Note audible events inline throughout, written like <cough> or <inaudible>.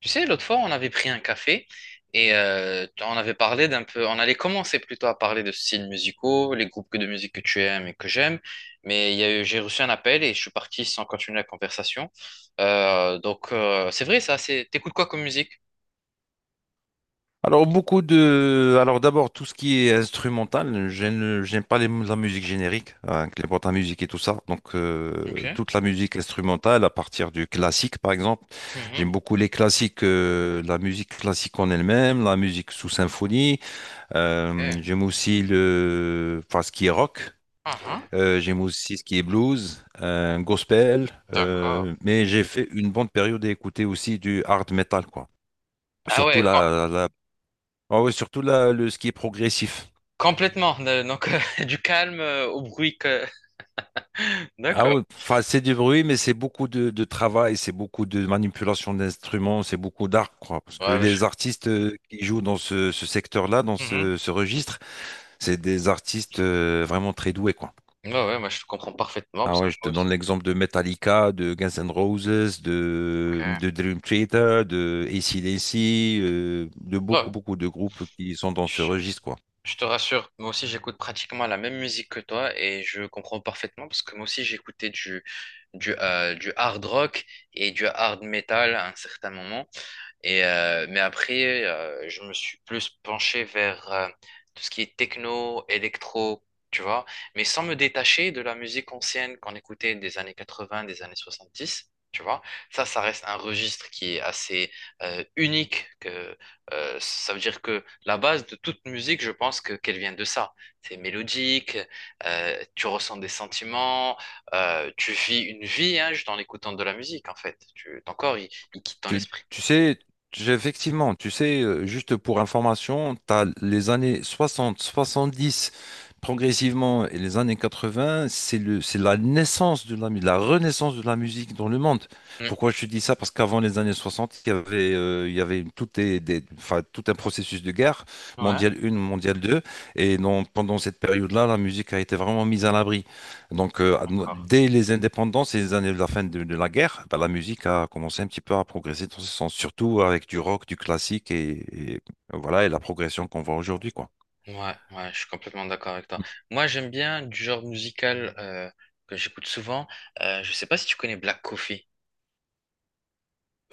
Tu sais, l'autre fois, on avait pris un café et on avait parlé d'un peu, on allait commencer plutôt à parler de styles musicaux, les groupes de musique que tu aimes et que j'aime, mais il y a eu- j'ai reçu un appel et je suis parti sans continuer la conversation. Donc, c'est vrai ça, t'écoutes quoi comme musique? Alors d'abord tout ce qui est instrumental, j'aime pas la musique générique, hein, avec les boîtes à musique et tout ça. Donc Ok. Toute la musique instrumentale à partir du classique par exemple, Mhm. j'aime beaucoup les classiques, la musique classique en elle-même, la musique sous symphonie. Eh. J'aime aussi enfin ce qui est rock. Ah, ah. J'aime aussi ce qui est blues, gospel. D'accord. Mais j'ai fait une bonne période à écouter aussi du hard metal quoi. Ah Surtout ouais, la, la Ah oui, surtout là, le ski est progressif. complètement. Donc, <laughs> du calme au bruit que. <laughs> Ah D'accord. oui, enfin, c'est du bruit, mais c'est beaucoup de travail, c'est beaucoup de manipulation d'instruments, c'est beaucoup d'art, quoi. Parce que Ouais, je. les artistes qui jouent dans ce secteur-là, dans Mhm. ce registre, c'est des artistes vraiment très doués, quoi. Ouais, ouais, moi je te comprends parfaitement Ah parce que ouais, je te moi aussi. donne l'exemple de Metallica, de Guns N' Roses, Ok. de Dream Theater, de AC/DC, de beaucoup, Ouais. beaucoup de groupes qui sont dans ce registre, quoi. Je te rassure, moi aussi j'écoute pratiquement la même musique que toi et je comprends parfaitement parce que moi aussi j'écoutais du, du hard rock et du hard metal à un certain moment. Mais après, je me suis plus penché vers tout ce qui est techno, électro, tu vois, mais sans me détacher de la musique ancienne qu'on écoutait des années 80, des années 70. Tu vois, ça reste un registre qui est assez unique ça veut dire que la base de toute musique, je pense que qu'elle vient de ça. C'est mélodique, tu ressens des sentiments, tu vis une vie hein, juste en écoutant de la musique, en fait. Ton corps, il quitte ton Tu, esprit. tu sais, effectivement, tu sais, juste pour information, tu as les années 60, 70 progressivement et les années 80, c'est c'est la naissance de la renaissance de la musique dans le monde. Hmm. Pourquoi je te dis ça? Parce qu'avant les années 60, il y avait tout, enfin, tout un processus de guerre, Ouais, mondiale 1, mondiale 2, et donc, pendant cette période-là, la musique a été vraiment mise à l'abri. Donc, encore. dès les indépendances et les années de la fin de la guerre, bah, la musique a commencé un petit peu à progresser dans ce sens, surtout avec du rock, du classique et voilà, et la progression qu'on voit aujourd'hui, quoi. Ouais, ouais, je suis complètement d'accord avec toi. Moi, j'aime bien du genre musical que j'écoute souvent. Je sais pas si tu connais Black Coffee.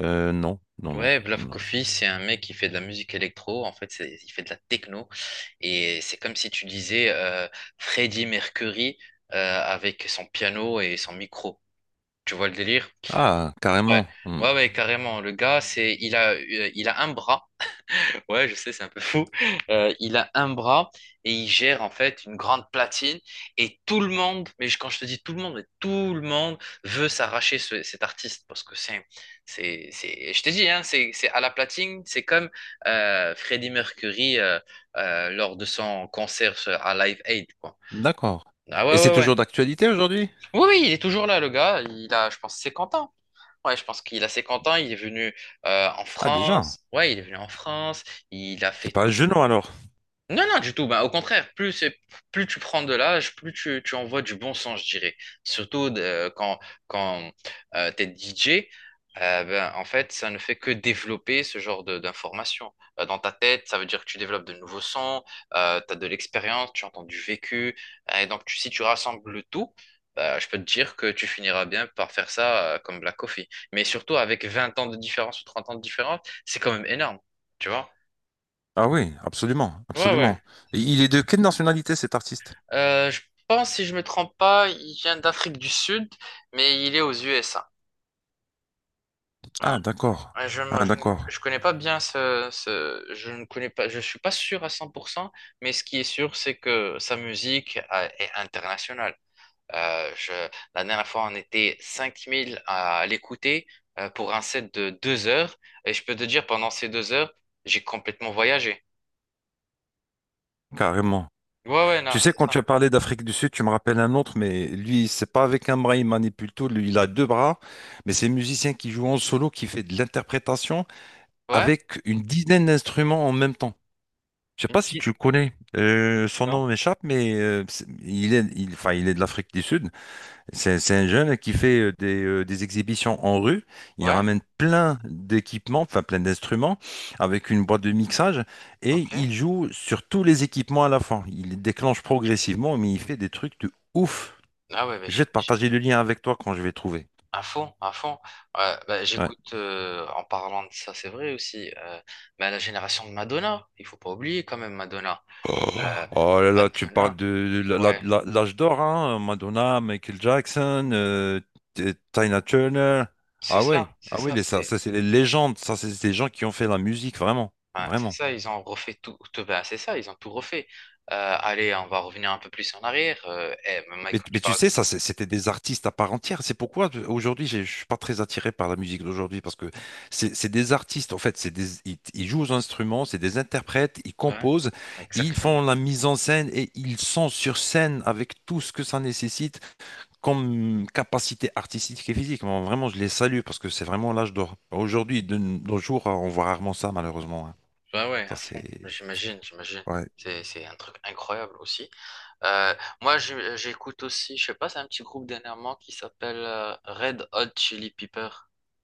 Non, non, non, Ouais, Black non. Coffee, c'est un mec qui fait de la musique électro. En fait, il fait de la techno. Et c'est comme si tu disais Freddie Mercury avec son piano et son micro. Tu vois le délire? Ah, Ouais, carrément. Hmm. ouais, ouais, carrément. Le gars, il a un bras. Ouais, je sais, c'est un peu <laughs> fou. Il a un bras et il gère en fait une grande platine. Et tout le monde, mais quand je te dis tout le monde, mais tout le monde veut s'arracher cet artiste parce que c'est, je te dis, hein, c'est à la platine, c'est comme Freddie Mercury lors de son concert à Live Aid, quoi. D'accord. Ah ouais, Et c'est ouais, toujours ouais. d'actualité aujourd'hui? Oui, oui, il est toujours là, le gars. Il a, je pense, 50 ans. Ouais, je pense qu'il a 50 ans. Il est venu en Ah, déjà. France. Ouais, il est venu en France. Il a C'est fait pas un tout. genou alors. Non, non, du tout. Bah, au contraire, plus, plus tu prends de l'âge, plus tu envoies du bon sens, je dirais. Surtout quand t'es DJ, ben, en fait, ça ne fait que développer ce genre d'informations. Dans ta tête, ça veut dire que tu développes de nouveaux sons, tu as de l'expérience, tu entends du vécu. Et donc, si tu rassembles le tout, bah, je peux te dire que tu finiras bien par faire ça comme Black Coffee. Mais surtout avec 20 ans de différence ou 30 ans de différence, c'est quand même énorme, tu vois? Ah oui, absolument, Ouais, absolument. ouais. Et il est de quelle nationalité cet artiste? Je pense, si je me trompe pas, il vient d'Afrique du Sud, mais il est aux USA. Ouais. Ah, d'accord. Ouais, Je, ne- Ah, je, ne d'accord. je connais pas bien je ne connais pas, je suis pas sûr à 100% mais ce qui est sûr, c'est que sa musique est internationale. Euh, je, la dernière fois, on était 5 000 à l'écouter pour un set de 2 heures, et je peux te dire, pendant ces 2 heures, j'ai complètement voyagé. Carrément. Ouais, ouais, non, Tu sais, c'est quand tu ça. as parlé d'Afrique du Sud, tu me rappelles un autre, mais lui, c'est pas avec un bras, il manipule tout. Lui, il a deux bras, mais c'est un musicien qui joue en solo, qui fait de l'interprétation Ouais? avec une dizaine d'instruments en même temps. Je sais Une pas si petite-. tu le connais. Son nom Non? m'échappe, mais enfin, il est de l'Afrique du Sud. C'est un jeune qui fait des exhibitions en rue. Il Ouais? ramène plein d'équipements, enfin plein d'instruments, avec une boîte de mixage, et Ok. il joue sur tous les équipements à la fois. Il les déclenche progressivement, mais il fait des trucs de ouf. Ah ouais, mais Je j'ai-. vais te partager le lien avec toi quand je vais trouver. À fond, à fond. Bah, Ouais. j'écoute en parlant de ça, c'est vrai aussi. Mais la génération de Madonna, il faut pas oublier quand même Madonna. Oh, Euh, oh là là, tu parles Madonna, de ouais, l'âge d'or, hein, Madonna, Michael Jackson, Tina Turner. c'est Ah ouais, ça, c'est ah ouais, ça, ça, c'est ça c'est les légendes, ça c'est des gens qui ont fait la musique, vraiment, ouais, c'est vraiment. ça. Ils ont refait tout, ben, c'est ça, ils ont tout refait. Allez, on va revenir un peu plus en arrière. Eh, mais mec, Mais, quand tu mais tu parles, sais, ça, c'était des artistes à part entière. C'est pourquoi aujourd'hui, je suis pas très attiré par la musique d'aujourd'hui parce que c'est des artistes. En fait, ils jouent aux instruments, c'est des interprètes, ils ouais, composent, ils font exactement. la mise en scène et ils sont sur scène avec tout ce que ça nécessite comme capacité artistique et physique. Moi, vraiment, je les salue parce que c'est vraiment l'âge d'or. Aujourd'hui, de nos jours, on voit rarement ça, malheureusement, hein. Ouais, ouais, Ça, à fond. c'est. J'imagine, j'imagine. Ouais. C'est un truc incroyable aussi. Euh, moi, j'écoute aussi, je sais pas, c'est un petit groupe dernièrement qui s'appelle Red Hot Chili Pepper.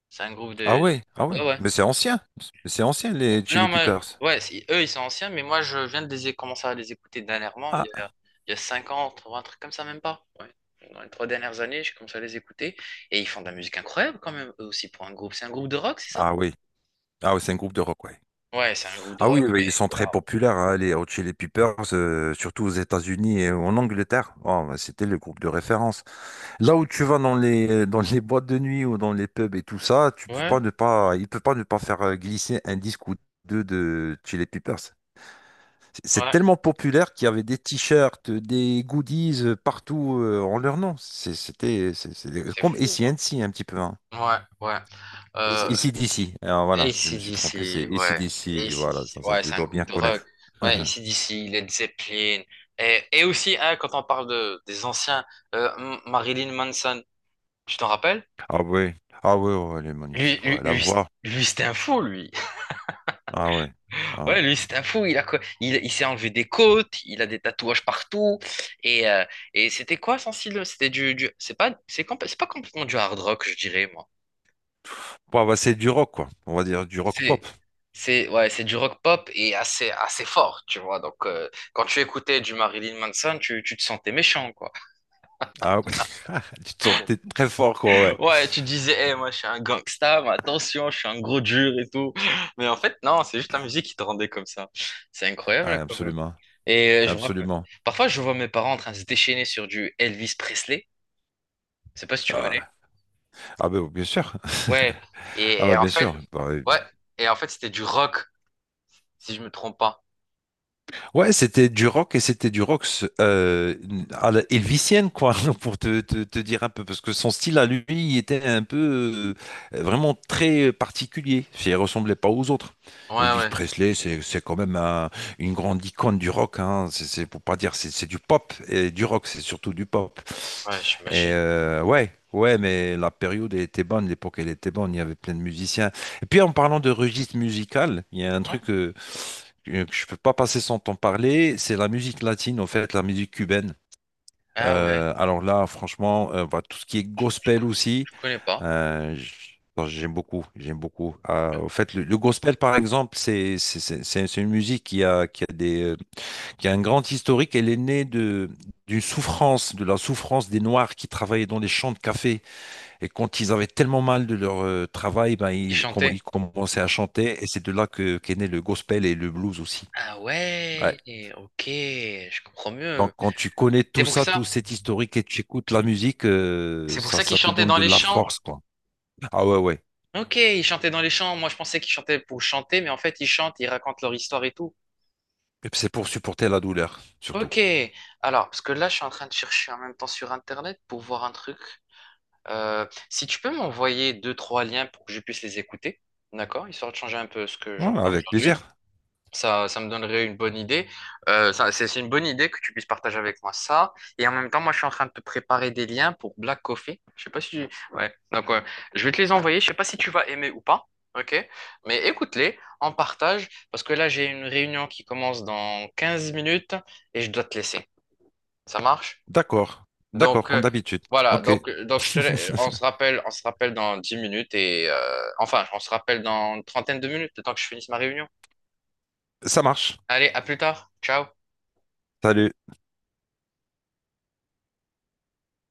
C'est un groupe Ah de. ouais, ah ouais. Ouais, ouais. Mais c'est ancien. Mais c'est ancien, les Non, Chili mais Peppers. ouais, eux, ils sont anciens, mais moi, je viens de les commencer à les écouter dernièrement, il y Ah, a, il y a 5 ans, ou un truc comme ça, même pas. Ouais. Dans les 3 dernières années, j'ai commencé à les écouter. Et ils font de la musique incroyable quand même, eux aussi, pour un groupe. C'est un groupe de rock, c'est ça? ah oui. Ah oui, c'est un groupe de rock, ouais. Ouais, c'est un groupe de Ah oui, rock, oui, ils mais sont très waouh. populaires, hein, les Hot Chili Peppers, surtout aux États-Unis et en Angleterre. Oh, bah, c'était le groupe de référence. Là où tu vas dans les boîtes de nuit ou dans les pubs et tout ça, tu peux Ouais, pas ne pas, il peut pas ne pas faire glisser un disque ou deux de Chili Peppers. C'est ouais. tellement populaire qu'il y avait des t-shirts, des goodies partout en leur nom. C'était c'est C'est comme fou, ac hein? un petit peu, hein, Ouais, ouais. Euh, d'ici. Alors voilà, je me suis trompé, c'est AC/DC, ouais. d'ici. Voilà, AC/DC, ça, ouais, je c'est un dois groupe bien de rock. connaître. <laughs> Ouais, AC/DC, Led Zeppelin. Et aussi, hein, quand on parle des anciens, Marilyn Manson, tu t'en rappelles? Ah oui, ah oui, ouais, oh, elle est Lui, magnifique, lui, ouais. La lui, c- voix, lui, c'était un fou, lui. <laughs> ah ouais, ah ouais. Ouais, lui, c'était un fou. Il s'est enlevé des côtes, il a des tatouages partout. Et, euh, et c'était quoi son style? C'était du- c'est pas, c'est compl- c'est pas complètement du hard rock, je dirais, moi. Bon, bah, c'est du rock, quoi. On va dire du rock pop. C'est, ouais, c'est du rock pop et assez, assez fort, tu vois. Donc, quand tu écoutais du Marilyn Manson, tu te sentais méchant, quoi. Ah ouais, <laughs> tu te sentais très fort, quoi, ouais. Ouais, tu disais, Eh, moi, je suis un gangsta, mais attention, je suis un gros dur et tout. Mais en fait, non, c'est juste la musique qui te rendait comme ça. C'est Ouais, incroyable, quand même. absolument, Et je me rappelle, absolument. parfois, je vois mes parents en train de se déchaîner sur du Elvis Presley. Je sais pas si tu connais. Ah, ah, ben bien sûr. Ouais. <laughs> Et, Ah et ouais, en bien fait, sûr. Bah, ouais, ouais. Et en fait, c'était du rock, si je me trompe pas. ouais, c'était du rock et c'était du rock euh, à la Elvisienne, quoi, <laughs> pour te dire un peu, parce que son style à lui, il était un peu vraiment très particulier, si il ressemblait pas aux autres. Ouais, Elvis ouais. Presley, c'est quand même une grande icône du rock, hein, c'est pour pas dire, c'est du pop et du rock, c'est surtout du pop. Ouais, Et j'imagine. Ouais, ouais, mais la période elle était bonne, l'époque elle était bonne, il y avait plein de musiciens. Et puis en parlant de registre musical, il y a un Ouais. truc, que je peux pas passer sans t'en parler, c'est la musique latine, en fait, la musique cubaine. Ah ouais. Alors là, franchement, bah, tout ce qui est gospel aussi, Je connais pas. Bon, j'aime beaucoup, j'aime beaucoup. En fait, le gospel, par exemple, c'est une musique qui a un grand historique. Elle est née de d'une souffrance, de la souffrance des Noirs qui travaillaient dans les champs de café. Et quand ils avaient tellement mal de leur travail, ben, Il ils, com- chantait. ils commençaient à chanter. Et c'est de là que qu'est né le gospel et le blues aussi. Ah Ouais. ouais, ok, je comprends mieux. Donc, quand tu connais C'est tout pour ça, ça. tout cet historique et tu écoutes la musique, C'est pour ça, ça qu'il ça te chantait donne dans de les la champs. force, quoi. Ah ouais, ouais. Ok, il chantait dans les champs. Moi, je pensais qu'il chantait pour chanter, mais en fait, ils chantent, ils racontent leur histoire et tout. Et puis, c'est pour supporter la douleur, surtout. Ok. Alors, parce que là, je suis en train de chercher en même temps sur Internet pour voir un truc. Si tu peux m'envoyer deux, trois liens pour que je puisse les écouter, d'accord? Histoire de changer un peu ce que Ouais, j'entends avec aujourd'hui. plaisir. Ça me donnerait une bonne idée. C'est une bonne idée que tu puisses partager avec moi ça. Et en même temps, moi, je suis en train de te préparer des liens pour Black Coffee. Je sais pas si tu. Ouais. Donc, ouais, je vais te les envoyer. Je sais pas si tu vas aimer ou pas. OK? Mais écoute-les, en partage, parce que là, j'ai une réunion qui commence dans 15 minutes et je dois te laisser. Ça marche? D'accord. D'accord, Donc, comme d'habitude. voilà. Ok. Donc, euh, donc je <laughs> te... la- on se rappelle, dans 10 minutes enfin, on se rappelle dans une trentaine de minutes, le temps que je finisse ma réunion. Ça marche. Allez, à plus tard. Ciao. Salut.